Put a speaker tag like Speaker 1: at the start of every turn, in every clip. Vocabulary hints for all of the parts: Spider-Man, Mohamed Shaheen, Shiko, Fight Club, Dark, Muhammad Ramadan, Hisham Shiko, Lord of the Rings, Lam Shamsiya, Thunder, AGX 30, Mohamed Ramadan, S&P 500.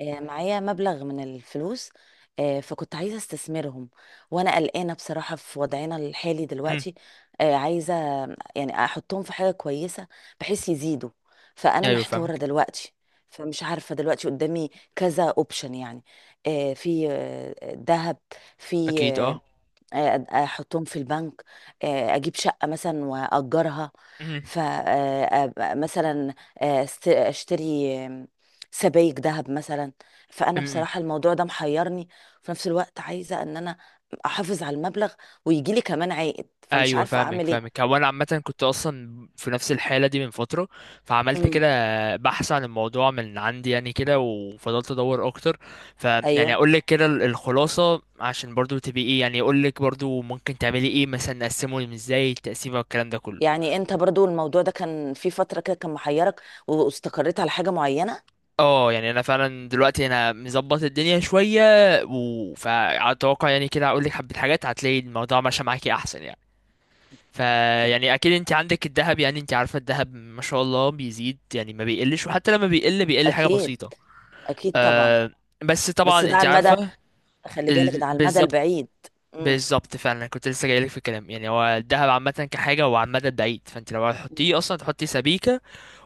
Speaker 1: معايا مبلغ من الفلوس. فكنت عايزة استثمرهم، وأنا قلقانة بصراحة في وضعنا الحالي
Speaker 2: امم
Speaker 1: دلوقتي. عايزة يعني أحطهم في حاجة كويسة بحيث يزيدوا. فأنا
Speaker 2: ايوه
Speaker 1: محتارة
Speaker 2: فاهمك
Speaker 1: دلوقتي، فمش عارفة دلوقتي قدامي كذا اوبشن يعني. في ذهب، في
Speaker 2: اكيد اه
Speaker 1: آه، احطهم في البنك، اجيب شقة مثلا واجرها.
Speaker 2: امم
Speaker 1: فمثلا اشتري سبائك ذهب مثلا. فانا
Speaker 2: امم
Speaker 1: بصراحة الموضوع ده محيرني. في نفس الوقت عايزة ان انا احافظ على المبلغ ويجي لي كمان عائد، فمش
Speaker 2: ايوه
Speaker 1: عارفة
Speaker 2: فاهمك
Speaker 1: اعمل ايه.
Speaker 2: فاهمك هو انا عامه كنت اصلا في نفس الحاله دي من فتره، فعملت
Speaker 1: مم.
Speaker 2: كده بحث عن الموضوع من عندي يعني كده وفضلت ادور اكتر. فيعني
Speaker 1: ايوه،
Speaker 2: اقول لك كده الخلاصه، عشان برضو تبقي ايه، يعني اقول لك برضو ممكن تعملي ايه، مثلا نقسمه ازاي، التقسيمه والكلام ده كله.
Speaker 1: يعني انت برضو الموضوع ده كان في فترة كده كان محيرك واستقريت على حاجة معينة؟
Speaker 2: اه يعني انا فعلا دلوقتي انا مظبط الدنيا شويه، فاتوقع يعني كده اقول لك حبه حاجات هتلاقي الموضوع ماشي معاكي احسن يعني.
Speaker 1: اوكي.
Speaker 2: فيعني اكيد انت عندك الذهب، يعني انت عارفه الذهب ما شاء الله بيزيد يعني، ما بيقلش، وحتى لما بيقل بيقل حاجه
Speaker 1: اكيد.
Speaker 2: بسيطه.
Speaker 1: اكيد طبعا.
Speaker 2: أه، بس
Speaker 1: بس
Speaker 2: طبعا
Speaker 1: ده
Speaker 2: انت
Speaker 1: على المدى،
Speaker 2: عارفه.
Speaker 1: خلي بالك ده على المدى
Speaker 2: بالظبط،
Speaker 1: البعيد.
Speaker 2: بالظبط فعلا كنت لسه جايلك في الكلام. يعني هو الذهب عامه كحاجه هو على المدى البعيد، فانت لو
Speaker 1: مم.
Speaker 2: هتحطيه اصلا تحطي سبيكه،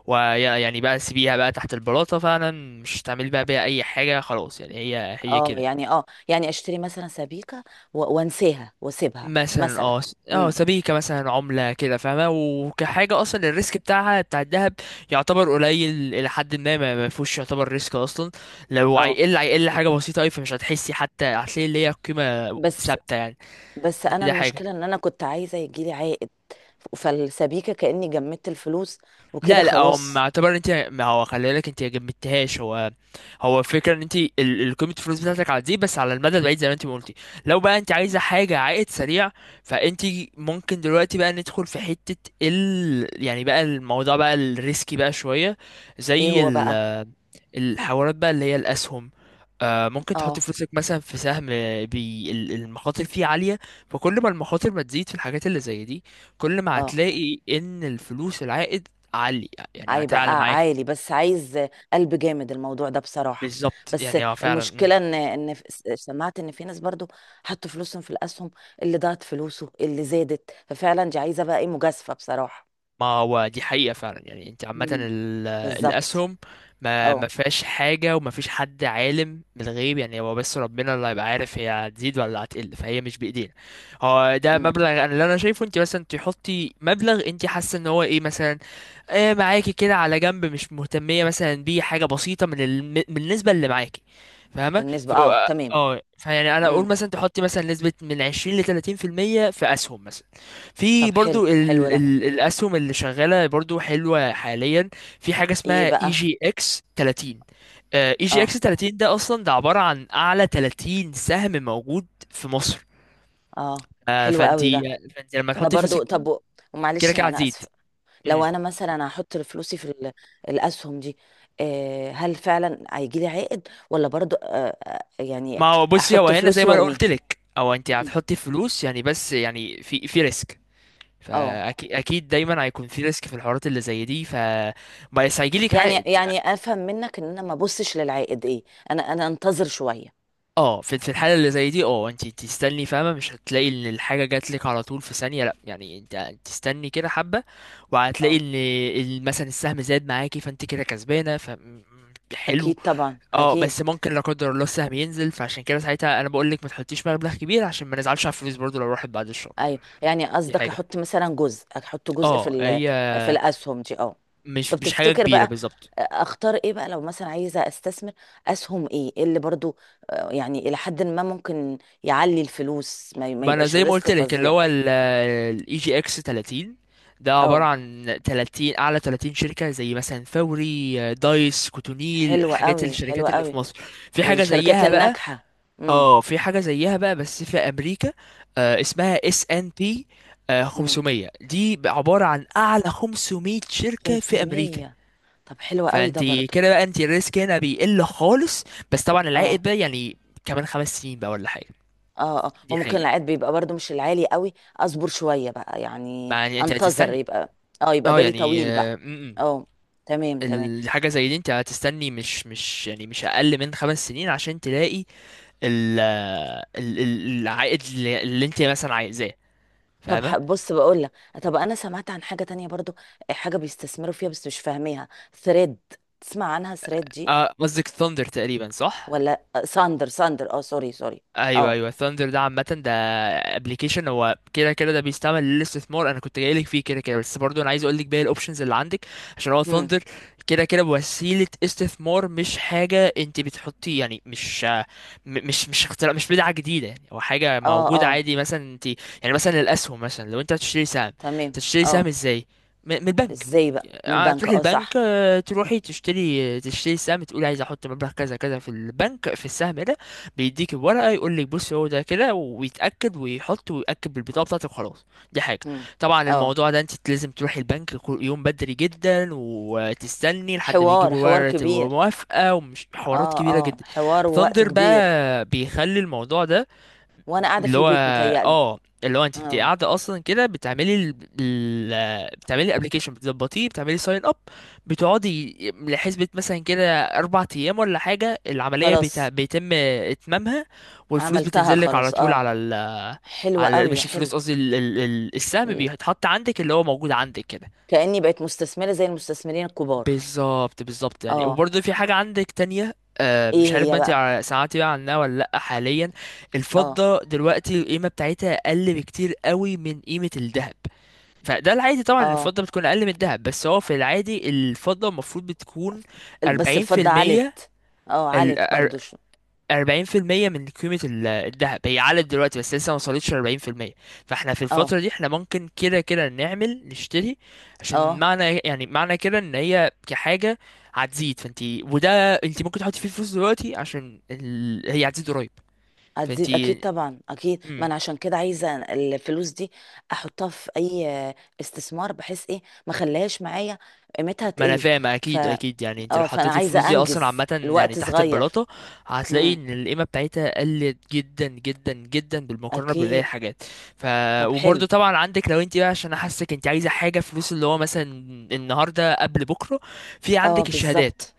Speaker 2: ويعني بقى سيبيها بقى تحت البلاطه فعلا، مش هتعملي بقى بيها اي حاجه خلاص، يعني هي
Speaker 1: اه
Speaker 2: كده.
Speaker 1: يعني اه يعني اشتري مثلا سبيكة و- وانساها واسيبها
Speaker 2: مثلا
Speaker 1: مثلا.
Speaker 2: اه
Speaker 1: امم.
Speaker 2: سبيكة مثلا عملة كده، فاهمة؟ وكحاجة اصلا الريسك بتاعها بتاع الذهب يعتبر قليل الى حد ما، ما فيهوش يعتبر ريسك اصلا. لو
Speaker 1: اه،
Speaker 2: هيقل هيقل حاجة بسيطة اوي، فمش هتحسي، حتى هتلاقي اللي هي قيمة
Speaker 1: بس
Speaker 2: ثابتة يعني.
Speaker 1: بس انا
Speaker 2: دي حاجة.
Speaker 1: المشكلة ان انا كنت عايزة يجيلي عائد، فالسبيكة كأني جمدت الفلوس وكده
Speaker 2: لا لا، هو
Speaker 1: خلاص.
Speaker 2: ما اعتبر انت، ما هو خلي بالك، انت جمدتهاش. هو هو الفكره ان انت قيمه الفلوس بتاعتك على دي بس على المدى البعيد زي ما انت ما قلتي. لو بقى انت عايزه حاجه عائد سريع، فانت ممكن دلوقتي بقى ندخل في حته ال، يعني بقى الموضوع بقى الريسكي بقى شويه،
Speaker 1: ايه
Speaker 2: زي
Speaker 1: هو
Speaker 2: ال
Speaker 1: بقى؟
Speaker 2: الحوارات بقى اللي هي الأسهم. آه، ممكن تحط
Speaker 1: اه،
Speaker 2: فلوسك مثلا في سهم. بي المخاطر فيه عالية. فكل ما المخاطر ما تزيد في الحاجات اللي زي دي، كل ما
Speaker 1: اه،
Speaker 2: هتلاقي إن الفلوس، العائد عالي، يعني هتعلى
Speaker 1: هيبقى
Speaker 2: معاك.
Speaker 1: عالي، بس عايز قلب جامد الموضوع ده بصراحة.
Speaker 2: بالظبط،
Speaker 1: بس
Speaker 2: يعني هو فعلا.
Speaker 1: المشكلة ان سمعت ان في ناس برضو حطوا فلوسهم في الاسهم، اللي ضاعت فلوسه، اللي زادت، ففعلا دي عايزة بقى ايه، مجازفة بصراحة.
Speaker 2: ما هو دي حقيقة فعلا، يعني انت عامة
Speaker 1: بالظبط.
Speaker 2: الأسهم ما
Speaker 1: اه.
Speaker 2: فيهاش حاجة، وما فيش حد عالم من الغيب، يعني هو بس ربنا اللي هيبقى عارف هي هتزيد ولا هتقل، فهي مش بإيدينا. هو ده
Speaker 1: امم.
Speaker 2: مبلغ، انا اللي انا شايفه انت مثلا تحطي مبلغ انت حاسة ان هو ايه، مثلا آه معاكي كده على جنب مش مهتمية مثلا بيه، حاجة بسيطة من من النسبة اللي معاكي، فاهمة؟
Speaker 1: بالنسبة
Speaker 2: ف
Speaker 1: اه،
Speaker 2: اه
Speaker 1: تمام.
Speaker 2: فيعني انا
Speaker 1: امم.
Speaker 2: اقول مثلا تحطي مثلا نسبة من 20 ل 30% في المية في أسهم مثلا.
Speaker 1: طب
Speaker 2: في
Speaker 1: حلو،
Speaker 2: برضو
Speaker 1: حلو
Speaker 2: ال
Speaker 1: ده.
Speaker 2: ال الاسهم اللي شغاله برضو حلوه حاليا. في حاجه
Speaker 1: ايه
Speaker 2: اسمها اي
Speaker 1: بقى؟
Speaker 2: جي اكس 30. اي جي
Speaker 1: اه،
Speaker 2: اكس 30 ده اصلا ده عباره عن اعلى 30 سهم موجود في مصر.
Speaker 1: اه، حلو قوي ده.
Speaker 2: فانتي، فانتي لما
Speaker 1: ده
Speaker 2: تحطي
Speaker 1: برضو،
Speaker 2: فلوسك فيه
Speaker 1: طب
Speaker 2: كده
Speaker 1: ومعلش
Speaker 2: كده
Speaker 1: انا
Speaker 2: هتزيد.
Speaker 1: اسف. لو
Speaker 2: مم.
Speaker 1: انا مثلا هحط فلوسي في الاسهم دي، هل فعلا هيجي لي عائد ولا برضو يعني
Speaker 2: ما هو بصي، هو
Speaker 1: احط
Speaker 2: هنا زي
Speaker 1: فلوسي
Speaker 2: ما انا
Speaker 1: وارميها؟
Speaker 2: قلت لك، او انت
Speaker 1: مم.
Speaker 2: هتحطي فلوس يعني، بس يعني في ريسك.
Speaker 1: اه،
Speaker 2: فاكيد اكيد دايما هيكون في ريسك في الحوارات اللي زي دي، ف بس هيجيلك
Speaker 1: يعني
Speaker 2: عائد.
Speaker 1: يعني افهم منك ان انا ما ابصش للعائد ايه، انا انتظر شوية.
Speaker 2: اه في في الحاله اللي زي دي، اه انت تستني، فاهمه؟ مش هتلاقي ان الحاجه جات لك على طول في ثانيه، لا يعني انت تستني كده حبه. وهتلاقي
Speaker 1: اه،
Speaker 2: ان مثلا السهم زاد معاكي، فانت كده كسبانه. حلو.
Speaker 1: اكيد طبعا،
Speaker 2: اه
Speaker 1: اكيد.
Speaker 2: بس ممكن لا قدر الله السهم ينزل، فعشان كده ساعتها انا بقول لك ما تحطيش مبلغ كبير عشان ما نزعلش على الفلوس برضو لو راحت بعد الشهر.
Speaker 1: ايوه، يعني
Speaker 2: دي
Speaker 1: قصدك
Speaker 2: حاجه.
Speaker 1: احط مثلا جزء، احط جزء في
Speaker 2: اه هي
Speaker 1: في الاسهم دي، اه؟
Speaker 2: مش
Speaker 1: طب
Speaker 2: مش حاجه
Speaker 1: تفتكر
Speaker 2: كبيره
Speaker 1: بقى
Speaker 2: بالظبط.
Speaker 1: اختار ايه بقى لو مثلا عايزه استثمر اسهم إيه اللي برضو يعني الى حد ما ممكن يعلي الفلوس، ما
Speaker 2: ما انا
Speaker 1: يبقاش
Speaker 2: زي ما
Speaker 1: الريسك
Speaker 2: قلت لك اللي
Speaker 1: فظيع.
Speaker 2: هو الاي جي اكس 30 ده عبارة
Speaker 1: اه،
Speaker 2: عن 30، اعلى 30 شركة زي مثلا فوري، دايس كوتونيل،
Speaker 1: حلوة
Speaker 2: الحاجات
Speaker 1: قوي، حلوة
Speaker 2: الشركات اللي في
Speaker 1: قوي
Speaker 2: مصر. في حاجة
Speaker 1: الشركات
Speaker 2: زيها بقى.
Speaker 1: الناجحة. امم.
Speaker 2: اه في حاجة زيها بقى بس في امريكا، آه اسمها اس ان بي
Speaker 1: امم.
Speaker 2: 500. دي بقى عبارة عن اعلى 500 شركة في امريكا.
Speaker 1: 500. طب حلوة قوي
Speaker 2: فانت
Speaker 1: ده برضو.
Speaker 2: كده بقى انت الريسك هنا بيقل خالص. بس طبعا العائد
Speaker 1: اه،
Speaker 2: بقى يعني كمان خمس سنين بقى ولا حاجة.
Speaker 1: اه، اه،
Speaker 2: دي
Speaker 1: وممكن
Speaker 2: حاجة.
Speaker 1: العائد بيبقى برضو مش العالي قوي، اصبر شوية بقى يعني،
Speaker 2: ما يعني انت
Speaker 1: انتظر
Speaker 2: هتستني،
Speaker 1: يبقى. اه، يبقى
Speaker 2: اه
Speaker 1: بالي
Speaker 2: يعني
Speaker 1: طويل
Speaker 2: آه،
Speaker 1: بقى.
Speaker 2: م- م.
Speaker 1: اه، تمام، تمام.
Speaker 2: الحاجة زي دي انت هتستني، مش مش يعني مش اقل من خمس سنين عشان تلاقي العائد اللي انت مثلا عايزاه.
Speaker 1: طب،
Speaker 2: فاهمة؟
Speaker 1: بص بقول لك، طب انا سمعت عن حاجة تانية برضو، حاجة بيستثمروا فيها بس مش فاهميها، ثريد. تسمع عنها ثريد دي؟
Speaker 2: اه قصدك ثاندر تقريبا، صح؟
Speaker 1: ولا ساندر، ساندر، اه، سوري، سوري.
Speaker 2: ايوه
Speaker 1: اه.
Speaker 2: ايوه، ثاندر ده عامه ده ابلكيشن، هو كده كده ده بيستعمل للاستثمار. انا كنت جايلك فيه كده كده، بس برضو انا عايز اقول لك باقي الاوبشنز اللي عندك. عشان هو
Speaker 1: هم.
Speaker 2: ثاندر كده كده وسيله استثمار، مش حاجه انت بتحطي يعني، مش اختراع، مش بدعه جديده، يعني هو حاجه
Speaker 1: اه.
Speaker 2: موجوده
Speaker 1: اه.
Speaker 2: عادي. مثلا انت يعني مثلا الاسهم، مثلا لو انت هتشتري سهم،
Speaker 1: تمام.
Speaker 2: تشتري سهم
Speaker 1: اه.
Speaker 2: ازاي؟ من البنك.
Speaker 1: ازاي بقى من البنك؟
Speaker 2: تروحي
Speaker 1: اه،
Speaker 2: البنك،
Speaker 1: صح.
Speaker 2: تروحي تشتري، تشتري السهم، تقولي عايز احط مبلغ كذا كذا في البنك في السهم ده. بيديك الورقه يقول لك بص هو ده كده، ويتاكد ويحط ويأكد بالبطاقه بتاعتك وخلاص. دي حاجه.
Speaker 1: هم.
Speaker 2: طبعا
Speaker 1: اه.
Speaker 2: الموضوع ده انت لازم تروحي البنك كل يوم بدري جدا وتستني لحد ما
Speaker 1: حوار،
Speaker 2: يجيبوا
Speaker 1: حوار
Speaker 2: ورقه
Speaker 1: كبير.
Speaker 2: الموافقه، ومش حوارات
Speaker 1: اه،
Speaker 2: كبيره
Speaker 1: اه،
Speaker 2: جدا.
Speaker 1: حوار ووقت
Speaker 2: ثاندر
Speaker 1: كبير.
Speaker 2: بقى بيخلي الموضوع ده،
Speaker 1: وانا قاعده في
Speaker 2: اللي هو
Speaker 1: البيت متهيألي.
Speaker 2: اه اللي هو انت، انت
Speaker 1: اه،
Speaker 2: قاعده اصلا كده بتعملي بتعملي ابلكيشن، بتظبطيه، بتعملي ساين اب، بتقعدي لحسبة مثلا كده اربع ايام ولا حاجه، العمليه
Speaker 1: خلاص.
Speaker 2: بيتم اتمامها، والفلوس
Speaker 1: عملتها
Speaker 2: بتنزل لك على
Speaker 1: خلاص.
Speaker 2: طول
Speaker 1: اه،
Speaker 2: على
Speaker 1: حلوه
Speaker 2: على،
Speaker 1: قوي،
Speaker 2: مش
Speaker 1: حلو.
Speaker 2: الفلوس قصدي، السهم
Speaker 1: ال-
Speaker 2: بيتحط عندك، اللي هو موجود عندك كده.
Speaker 1: كأني بقت مستثمره زي المستثمرين الكبار.
Speaker 2: بالظبط بالظبط، يعني
Speaker 1: اه.
Speaker 2: وبرضه في حاجة عندك تانية. آه
Speaker 1: ايه
Speaker 2: مش عارف
Speaker 1: هي
Speaker 2: بقى انت
Speaker 1: بقى؟
Speaker 2: سمعتي بقى عنها ولا لأ حاليا.
Speaker 1: اه.
Speaker 2: الفضة دلوقتي القيمة بتاعتها أقل بكتير قوي من قيمة الذهب. فده العادي طبعا إن
Speaker 1: اه.
Speaker 2: الفضة بتكون أقل من الذهب، بس هو في العادي الفضة المفروض بتكون
Speaker 1: بس
Speaker 2: أربعين في
Speaker 1: الفضه
Speaker 2: المية،
Speaker 1: علت. اه، علت برضو، شو؟
Speaker 2: 40% من قيمة الذهب. هي علت دلوقتي بس لسه ما وصلتش 40%. فاحنا في
Speaker 1: اه،
Speaker 2: الفترة دي احنا ممكن كده كده نعمل نشتري، عشان
Speaker 1: اه،
Speaker 2: معنى، يعني معنى كده ان هي كحاجة هتزيد. فانت وده انت ممكن تحطي فيه فلوس دلوقتي عشان هي هتزيد قريب. فانت،
Speaker 1: هتزيد اكيد طبعا، اكيد، ما انا عشان كده عايزه الفلوس دي احطها في اي استثمار بحيث ايه، ما خليهاش معايا قيمتها
Speaker 2: ما انا
Speaker 1: تقل.
Speaker 2: فاهم
Speaker 1: ف
Speaker 2: اكيد اكيد. يعني انت لو
Speaker 1: اه فانا
Speaker 2: حطيتي الفلوس
Speaker 1: عايزه
Speaker 2: دي اصلا
Speaker 1: انجز
Speaker 2: عامه يعني
Speaker 1: الوقت
Speaker 2: تحت
Speaker 1: صغير.
Speaker 2: البلاطه هتلاقي ان القيمه بتاعتها قلت جدا جدا جدا بالمقارنه بالاي
Speaker 1: اكيد.
Speaker 2: حاجات. ف
Speaker 1: طب حلو.
Speaker 2: وبرده طبعا عندك، لو انت بقى عشان احسك انت عايزه حاجه فلوس اللي هو مثلا النهارده قبل بكره، في
Speaker 1: اه،
Speaker 2: عندك الشهادات.
Speaker 1: بالظبط.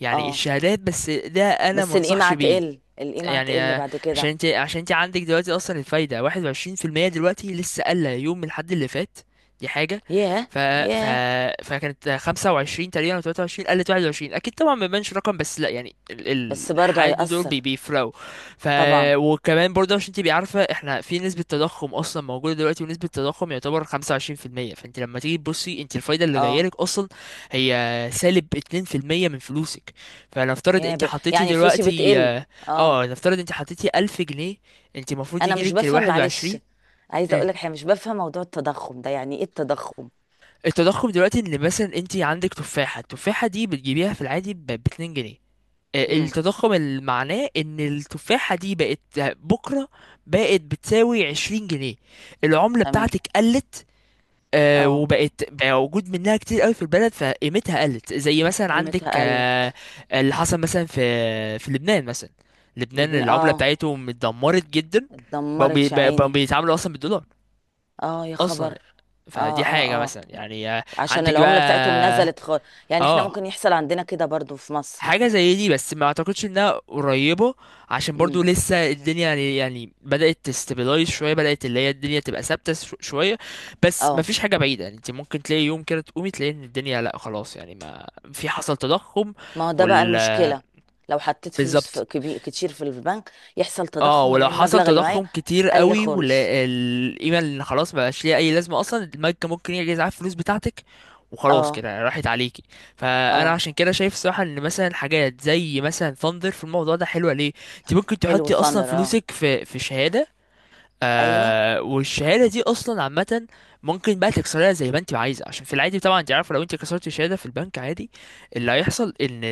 Speaker 2: يعني
Speaker 1: اه،
Speaker 2: الشهادات، بس ده انا
Speaker 1: بس
Speaker 2: ما
Speaker 1: القيمة
Speaker 2: انصحش بيه.
Speaker 1: هتقل القيمة
Speaker 2: يعني
Speaker 1: هتقل بعد
Speaker 2: عشان
Speaker 1: كده.
Speaker 2: انت، عشان انت عندك دلوقتي اصلا الفايده 21%. دلوقتي لسه قل يوم من الحد اللي فات. دي حاجه.
Speaker 1: ياه.
Speaker 2: ف... ف...
Speaker 1: ياه.
Speaker 2: فكانت 25 تقريبا او 23، قلت 21. اكيد طبعا ما بيبانش رقم، بس لا يعني
Speaker 1: بس برضه
Speaker 2: الحد دول
Speaker 1: هيأثر.
Speaker 2: بيفرقوا. ف
Speaker 1: طبعا.
Speaker 2: وكمان برضه عشان تبقي عارفه احنا في نسبه تضخم اصلا موجوده دلوقتي، ونسبه التضخم يعتبر 25%. فانت لما تيجي تبصي انت الفايده اللي جايه
Speaker 1: اه.
Speaker 2: لك اصلا هي سالب 2% من فلوسك. فنفترض
Speaker 1: ياه،
Speaker 2: انت حطيتي
Speaker 1: يعني فلوسي
Speaker 2: دلوقتي
Speaker 1: بتقل. اه،
Speaker 2: نفترض انت حطيتي 1000 جنيه، انت المفروض
Speaker 1: انا مش
Speaker 2: يجيلك ال
Speaker 1: بفهم، معلش،
Speaker 2: 21.
Speaker 1: عايزة
Speaker 2: مم.
Speaker 1: اقول لك حاجة، مش بفهم موضوع التضخم ده، يعني ايه التضخم؟
Speaker 2: التضخم دلوقتي ان مثلا انت عندك تفاحة، التفاحة دي بتجيبيها في العادي ب 2 جنيه.
Speaker 1: امم.
Speaker 2: التضخم اللي معناه ان التفاحة دي بقت بكرة بقت بتساوي 20 جنيه. العملة
Speaker 1: تمام.
Speaker 2: بتاعتك قلت.
Speaker 1: اه،
Speaker 2: وبقت بقى وجود منها كتير قوي في البلد فقيمتها قلت، زي مثلا عندك
Speaker 1: قيمتها
Speaker 2: آه،
Speaker 1: قلت.
Speaker 2: اللي حصل مثلا في في لبنان مثلا. لبنان العملة
Speaker 1: اه،
Speaker 2: بتاعتهم اتدمرت جدا،
Speaker 1: اتدمرت يا
Speaker 2: بقوا
Speaker 1: عيني.
Speaker 2: بيتعاملوا اصلا بالدولار
Speaker 1: اه، يا
Speaker 2: اصلا.
Speaker 1: خبر. اه،
Speaker 2: فدي
Speaker 1: اه،
Speaker 2: حاجة
Speaker 1: اه،
Speaker 2: مثلا يعني
Speaker 1: عشان
Speaker 2: عندك بقى.
Speaker 1: العملة بتاعتهم نزلت
Speaker 2: اه
Speaker 1: يعني احنا
Speaker 2: آه.
Speaker 1: ممكن يحصل عندنا كده برضو في مصر؟
Speaker 2: حاجة زي دي، بس ما اعتقدش انها قريبة، عشان
Speaker 1: امم.
Speaker 2: برضو لسه الدنيا يعني يعني بدأت تستابلايز شوية، بدأت اللي هي الدنيا تبقى ثابتة شوية. بس ما
Speaker 1: اه،
Speaker 2: فيش حاجة بعيدة، يعني انت ممكن تلاقي يوم كده تقومي تلاقي ان الدنيا لا خلاص، يعني ما في حصل تضخم.
Speaker 1: ما هو ده بقى
Speaker 2: وال
Speaker 1: المشكله، لو حطيت فلوس في
Speaker 2: بالظبط.
Speaker 1: كبير كتير في البنك يحصل
Speaker 2: اه
Speaker 1: تضخم
Speaker 2: ولو
Speaker 1: الاقي
Speaker 2: حصل
Speaker 1: المبلغ اللي معايا
Speaker 2: تضخم كتير
Speaker 1: قل
Speaker 2: قوي
Speaker 1: خالص.
Speaker 2: والقيمه اللي خلاص ما بقاش ليها اي لازمه اصلا، البنك ممكن يجي يزعل الفلوس بتاعتك وخلاص
Speaker 1: اه.
Speaker 2: كده راحت عليكي. فانا
Speaker 1: اه،
Speaker 2: عشان كده شايف الصراحه ان مثلا حاجات زي مثلا فاندر في الموضوع ده حلوه ليه. انت ممكن
Speaker 1: حلو
Speaker 2: تحطي اصلا
Speaker 1: ثاندر، اه.
Speaker 2: فلوسك في شهاده،
Speaker 1: ايوه.
Speaker 2: آه والشهاده دي اصلا عامه ممكن بقى تكسرها زي ما انت عايزه، عشان في العادي طبعا انت عارفه لو انت كسرت الشهاده في البنك عادي اللي هيحصل ان،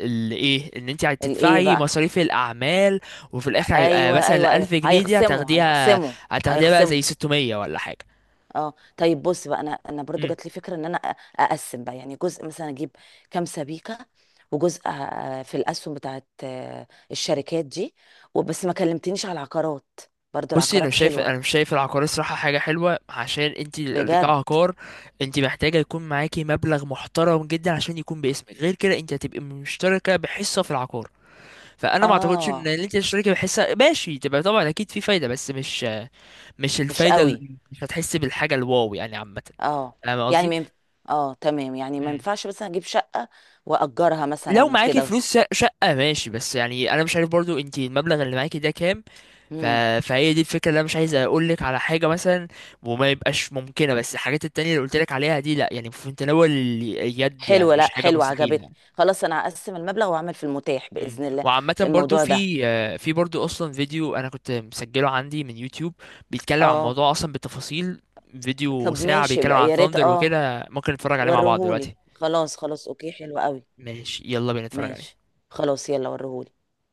Speaker 2: اللي ايه، ان انت
Speaker 1: الايه
Speaker 2: هتدفعي
Speaker 1: بقى؟
Speaker 2: مصاريف الاعمال، وفي الاخر هيبقى
Speaker 1: ايوه، ايوه،
Speaker 2: مثلا
Speaker 1: ايوه،
Speaker 2: 1000 جنيه دي
Speaker 1: هيخصموا،
Speaker 2: هتاخديها،
Speaker 1: هيخصموا،
Speaker 2: هتاخديها بقى
Speaker 1: هيخصموا.
Speaker 2: زي 600 ولا حاجه.
Speaker 1: اه، طيب بص بقى، انا برضو
Speaker 2: امم
Speaker 1: جات لي فكره ان انا اقسم بقى يعني جزء مثلا، اجيب كام سبيكه، وجزء في الاسهم بتاعت الشركات دي. وبس ما كلمتنيش على العقارات، برضو
Speaker 2: بصي انا
Speaker 1: العقارات
Speaker 2: مش شايف،
Speaker 1: حلوه.
Speaker 2: انا مش شايف العقار الصراحه حاجه حلوه، عشان انت
Speaker 1: بجد.
Speaker 2: كعقار انت محتاجه يكون معاكي مبلغ محترم جدا عشان يكون باسمك، غير كده انت هتبقي مشتركه بحصه في العقار. فانا ما اعتقدش ان
Speaker 1: اه،
Speaker 2: انت الشركه بحسها ماشي، تبقى طبعا اكيد في فايده بس مش
Speaker 1: مش
Speaker 2: الفايده
Speaker 1: قوي.
Speaker 2: مش هتحس بالحاجه الواو يعني عامه.
Speaker 1: اه،
Speaker 2: فاهم
Speaker 1: يعني
Speaker 2: قصدي؟
Speaker 1: من، اه، تمام، يعني ما
Speaker 2: مم.
Speaker 1: ينفعش مثلا اجيب شقة واجرها
Speaker 2: لو
Speaker 1: مثلا
Speaker 2: معاكي
Speaker 1: وكده.
Speaker 2: فلوس شقه ماشي، بس يعني انا مش عارف برضو انت المبلغ اللي معاكي ده كام. ف...
Speaker 1: امم.
Speaker 2: فهي دي الفكره، اللي انا مش عايز اقول لك على حاجه مثلا وما يبقاش ممكنه، بس الحاجات التانية اللي قلت لك عليها دي لا، يعني في متناول اليد، يعني
Speaker 1: حلوة، لا
Speaker 2: مش حاجه
Speaker 1: حلوة، عجبتني.
Speaker 2: مستحيله.
Speaker 1: خلاص انا هقسم المبلغ واعمل في المتاح بإذن الله.
Speaker 2: وعامة
Speaker 1: في
Speaker 2: برضو
Speaker 1: الموضوع ده.
Speaker 2: في في برضو اصلا فيديو انا كنت مسجله عندي من يوتيوب بيتكلم عن
Speaker 1: اه.
Speaker 2: الموضوع اصلا بالتفاصيل. فيديو
Speaker 1: طب
Speaker 2: ساعة
Speaker 1: ماشي
Speaker 2: بيتكلم
Speaker 1: بقى،
Speaker 2: عن
Speaker 1: يا ريت،
Speaker 2: ثاندر
Speaker 1: اه،
Speaker 2: وكده، ممكن نتفرج عليه مع بعض دلوقتي.
Speaker 1: وريهولي. خلاص، خلاص، اوكي، حلو قوي.
Speaker 2: ماشي يلا بينا نتفرج عليه.
Speaker 1: ماشي. خلاص يلا، وريهولي.